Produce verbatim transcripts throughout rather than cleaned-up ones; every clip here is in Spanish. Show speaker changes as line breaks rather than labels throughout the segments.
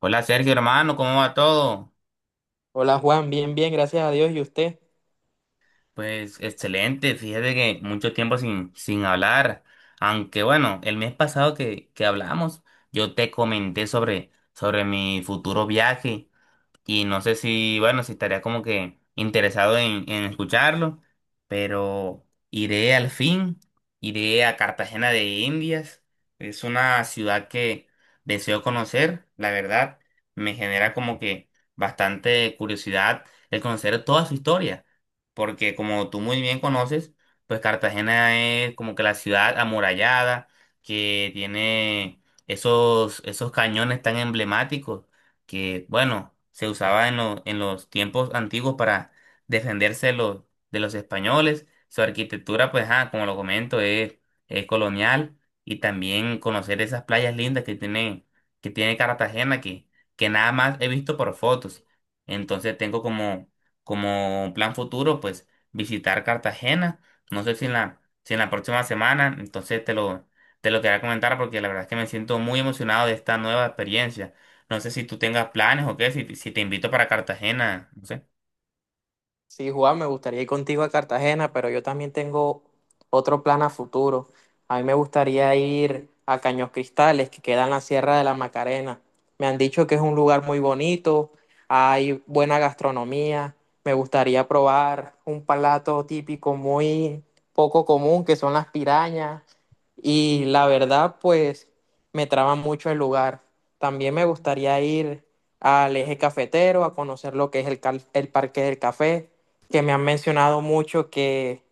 Hola Sergio, hermano, ¿cómo va todo?
Hola Juan, bien, bien, gracias a Dios. ¿Y usted?
Pues excelente, fíjate que mucho tiempo sin, sin hablar, aunque bueno, el mes pasado que, que hablamos, yo te comenté sobre, sobre mi futuro viaje y no sé si, bueno, si estaría como que interesado en, en escucharlo, pero iré al fin, iré a Cartagena de Indias, es una ciudad que deseo conocer, la verdad, me genera como que bastante curiosidad el conocer toda su historia, porque como tú muy bien conoces, pues Cartagena es como que la ciudad amurallada que tiene esos, esos cañones tan emblemáticos que, bueno, se usaba en, lo- en los tiempos antiguos para defenderse de los, de los españoles. Su arquitectura, pues, ah, como lo comento, es, es colonial y también conocer esas playas lindas que tiene, que tiene Cartagena, que, que nada más he visto por fotos. Entonces tengo como, como plan futuro, pues, visitar Cartagena. No sé si en la, si en la próxima semana, entonces te lo, te lo quería comentar porque la verdad es que me siento muy emocionado de esta nueva experiencia. No sé si tú tengas planes o qué, si, si te invito para Cartagena, no sé.
Sí, Juan, me gustaría ir contigo a Cartagena, pero yo también tengo otro plan a futuro. A mí me gustaría ir a Caños Cristales, que queda en la Sierra de la Macarena. Me han dicho que es un lugar muy bonito, hay buena gastronomía. Me gustaría probar un plato típico muy poco común, que son las pirañas. Y la verdad, pues me traba mucho el lugar. También me gustaría ir al eje cafetero a conocer lo que es el, cal- el Parque del Café, que me han mencionado mucho que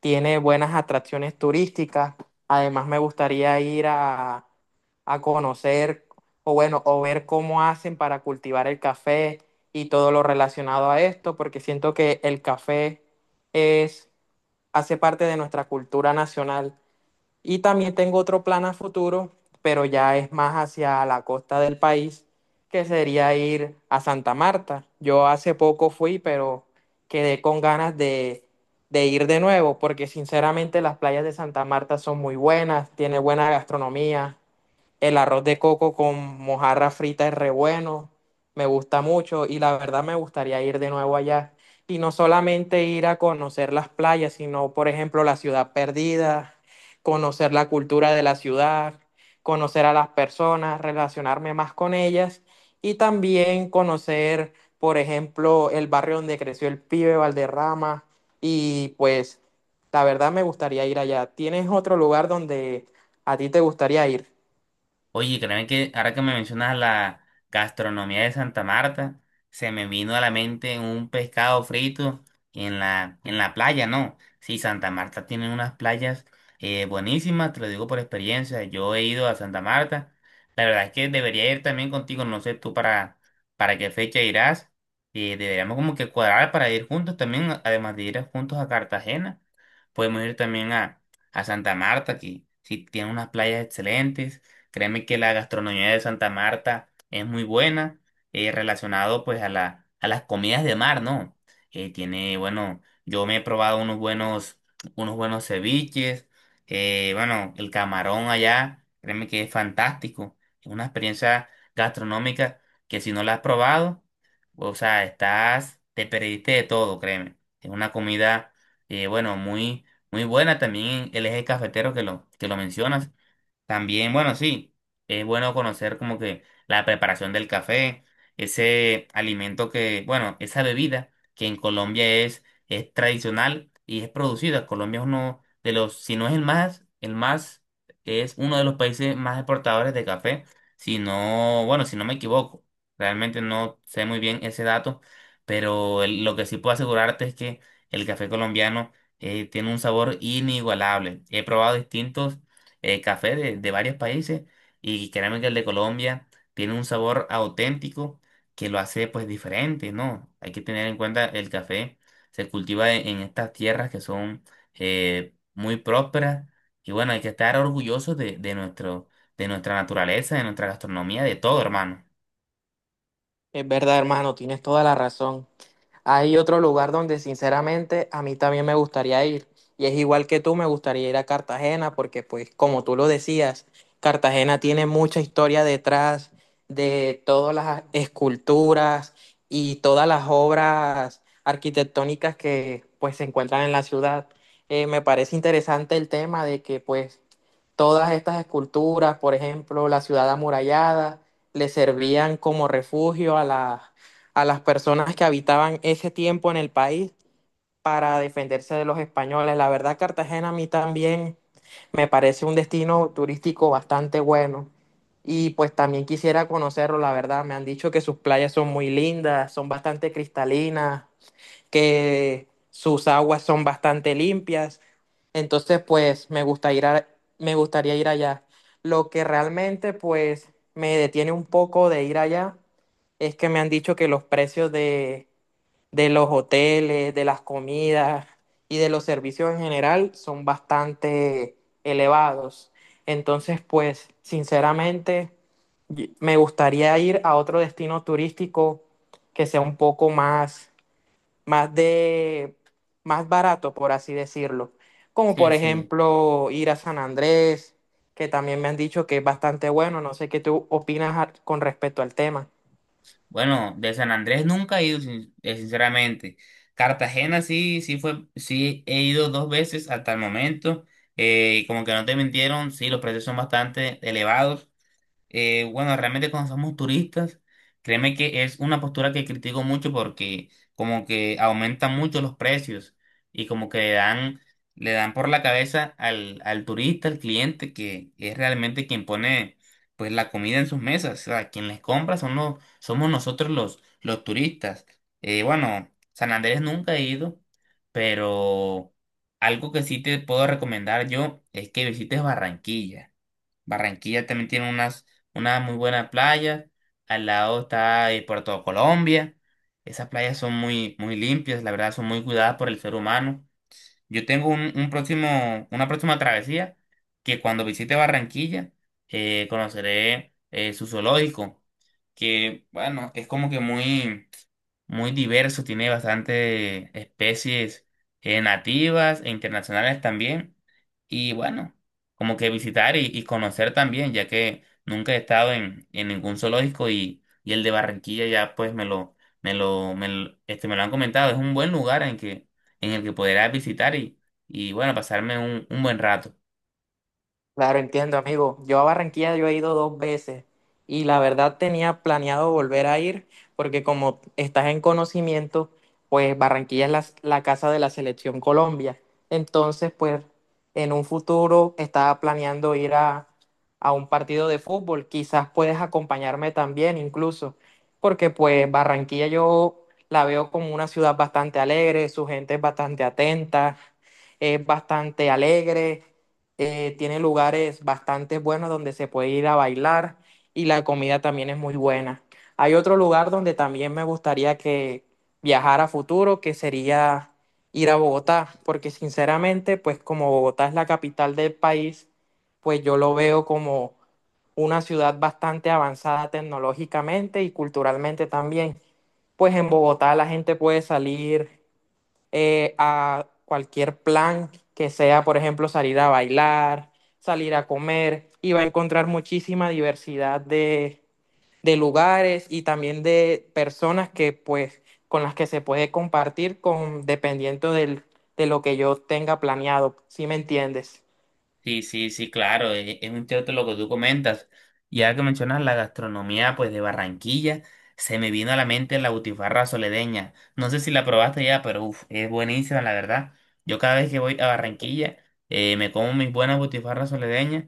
tiene buenas atracciones turísticas. Además, me gustaría ir a, a conocer o bueno, o ver cómo hacen para cultivar el café y todo lo relacionado a esto, porque siento que el café es, hace parte de nuestra cultura nacional. Y también tengo otro plan a futuro, pero ya es más hacia la costa del país, que sería ir a Santa Marta. Yo hace poco fui, pero quedé con ganas de, de ir de nuevo, porque sinceramente las playas de Santa Marta son muy buenas, tiene buena gastronomía. El arroz de coco con mojarra frita es re bueno, me gusta mucho y la verdad me gustaría ir de nuevo allá. Y no solamente ir a conocer las playas, sino, por ejemplo, la ciudad perdida, conocer la cultura de la ciudad, conocer a las personas, relacionarme más con ellas y también conocer, por ejemplo, el barrio donde creció el pibe Valderrama y pues la verdad me gustaría ir allá. ¿Tienes otro lugar donde a ti te gustaría ir?
Oye, créeme que ahora que me mencionas la gastronomía de Santa Marta, se me vino a la mente un pescado frito en la, en la playa, ¿no? Sí, Santa Marta tiene unas playas eh, buenísimas, te lo digo por experiencia. Yo he ido a Santa Marta. La verdad es que debería ir también contigo, no sé tú para, para qué fecha irás. Eh, deberíamos como que cuadrar para ir juntos también, además de ir juntos a Cartagena. Podemos ir también a, a Santa Marta, que sí tiene unas playas excelentes. Créeme que la gastronomía de Santa Marta es muy buena, eh, relacionado pues a la, a las comidas de mar, ¿no? Eh, tiene, bueno, yo me he probado unos buenos, unos buenos ceviches, eh, bueno, el camarón allá, créeme que es fantástico. Es una experiencia gastronómica que si no la has probado, o sea, estás, te perdiste de todo, créeme. Es una comida, eh, bueno, muy, muy buena también el eje cafetero que lo, que lo mencionas. También, bueno, sí, es bueno conocer como que la preparación del café, ese alimento que, bueno, esa bebida que en Colombia es, es tradicional y es producida. Colombia es uno de los, si no es el más, el más, es uno de los países más exportadores de café, si no, bueno, si no me equivoco, realmente no sé muy bien ese dato, pero el- lo que sí puedo asegurarte es que el café colombiano eh, tiene un sabor inigualable. He probado distintos eh, café de, de varios países y créanme que el de Colombia tiene un sabor auténtico que lo hace pues diferente, ¿no? Hay que tener en cuenta el café se cultiva en, en estas tierras que son eh, muy prósperas y bueno, hay que estar orgullosos de, de nuestro, de nuestra naturaleza, de nuestra gastronomía, de todo, hermano.
Es verdad, hermano, tienes toda la razón. Hay otro lugar donde sinceramente a mí también me gustaría ir. Y es igual que tú, me gustaría ir a Cartagena porque pues como tú lo decías, Cartagena tiene mucha historia detrás de todas las esculturas y todas las obras arquitectónicas que pues se encuentran en la ciudad. Eh, me parece interesante el tema de que pues todas estas esculturas, por ejemplo, la ciudad amurallada, le servían como refugio a las a las personas que habitaban ese tiempo en el país para defenderse de los españoles. La verdad, Cartagena a mí también me parece un destino turístico bastante bueno. Y pues también quisiera conocerlo, la verdad. Me han dicho que sus playas son muy lindas, son bastante cristalinas, que sus aguas son bastante limpias. Entonces, pues me gusta ir a- me gustaría ir allá. Lo que realmente, pues, me detiene un poco de ir allá es que me han dicho que los precios de, de los hoteles, de las comidas y de los servicios en general son bastante elevados. Entonces, pues, sinceramente, y- me gustaría ir a otro destino turístico que sea un poco más más de, más barato, por así decirlo. Como
Sí,
por
sí.
ejemplo ir a San Andrés, que también me han dicho que es bastante bueno. No sé qué tú opinas a- con respecto al tema.
Bueno, de San Andrés nunca he ido, sin- eh, sinceramente. Cartagena sí, sí fue, sí he ido dos veces hasta el momento. Eh, y como que no te mintieron, sí, los precios son bastante elevados. Eh, bueno, realmente cuando somos turistas, créeme que es una postura que critico mucho porque como que aumentan mucho los precios y como que le dan, le dan por la cabeza al, al turista, al cliente, que es realmente quien pone pues la comida en sus mesas. O sea, quien les compra son los, somos nosotros los, los turistas. Eh, bueno, San Andrés nunca he ido, pero algo que sí te puedo recomendar yo es que visites Barranquilla. Barranquilla también tiene unas, una muy buena playa. Al lado está eh, Puerto Colombia. Esas playas son muy, muy limpias, la verdad, son muy cuidadas por el ser humano. Yo tengo un, un próximo, una próxima travesía que cuando visite Barranquilla eh, conoceré eh, su zoológico, que bueno, es como que muy, muy diverso, tiene bastante especies eh, nativas e internacionales también. Y bueno, como que visitar y, y conocer también, ya que nunca he estado en, en ningún zoológico y, y el de Barranquilla ya pues me lo, me lo, me lo- este, me lo han comentado. Es un buen lugar en que, en el que podrás visitar y, y bueno, pasarme un, un buen rato.
Claro, entiendo, amigo. Yo a Barranquilla yo he ido dos veces y la verdad tenía planeado volver a ir porque como estás en conocimiento, pues Barranquilla es la, la casa de la selección Colombia. Entonces, pues en un futuro estaba planeando ir a, a un partido de fútbol. Quizás puedes acompañarme también incluso, porque pues Barranquilla yo la veo como una ciudad bastante alegre, su gente es bastante atenta, es bastante alegre eh, Tiene lugares bastante buenos donde se puede ir a bailar y la comida también es muy buena. Hay otro lugar donde también me gustaría que viajar a futuro, que sería ir a Bogotá, porque sinceramente, pues como Bogotá es la capital del país, pues yo lo veo como una ciudad bastante avanzada tecnológicamente y culturalmente también. Pues en Bogotá la gente puede salir eh, a cualquier plan que sea, por ejemplo, salir a bailar, salir a comer, y va a encontrar muchísima diversidad de, de lugares y también de personas que, pues, con las que se puede compartir con, dependiendo del, de lo que yo tenga planeado, ¿sí me entiendes?
Sí, sí, sí, claro, e- es un cierto lo que tú comentas. Ya que mencionas la gastronomía pues de Barranquilla, se me vino a la mente la butifarra soledeña. No sé si la probaste ya, pero uf, es buenísima, la verdad. Yo cada vez que voy a Barranquilla eh, me como mis buenas butifarras soledeñas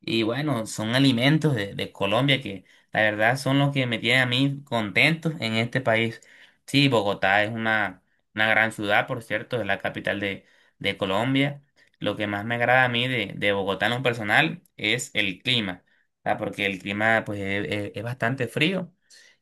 y bueno, son alimentos de, de Colombia que la verdad son los que me tienen a mí contentos en este país. Sí, Bogotá es una, una gran ciudad, por cierto, es la capital de, de Colombia. Lo que más me agrada a mí de, de Bogotá en lo personal es el clima, ¿verdad? Porque el clima pues es, es- es bastante frío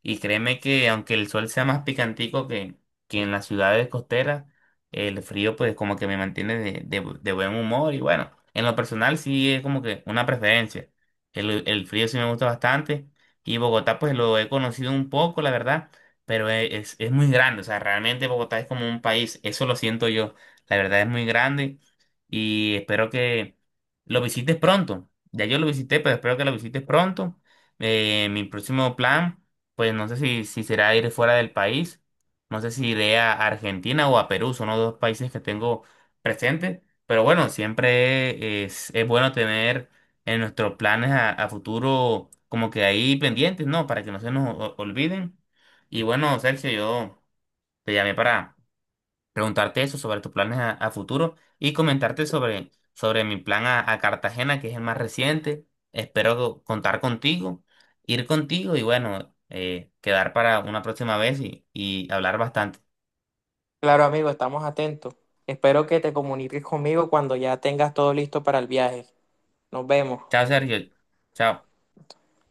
y créeme que aunque el sol sea más picantico que, que en las ciudades costeras, el frío pues como que me mantiene de, de- de buen humor y bueno, en lo personal sí es como que una preferencia. El, el frío sí me gusta bastante y Bogotá pues lo he conocido un poco, la verdad, pero es, es es muy grande, o sea, realmente Bogotá es como un país, eso lo siento yo, la verdad es muy grande y espero que lo visites pronto. Ya yo lo visité, pero espero que lo visites pronto. Eh, mi próximo plan, pues no sé si, si será ir fuera del país, no sé si iré a Argentina o a Perú, son los dos países que tengo presentes, pero bueno, siempre es, es bueno tener en nuestros planes a, a futuro como que ahí pendientes, ¿no? Para que no se nos o- olviden. Y bueno, Sergio, yo te llamé para preguntarte eso sobre tus planes a, a futuro y comentarte sobre, sobre mi plan a, a Cartagena, que es el más reciente. Espero contar contigo, ir contigo y bueno, eh, quedar para una próxima vez y, y hablar bastante.
Claro, amigo, estamos atentos. Espero que te comuniques conmigo cuando ya tengas todo listo para el viaje. Nos vemos.
Chao, Sergio. Chao.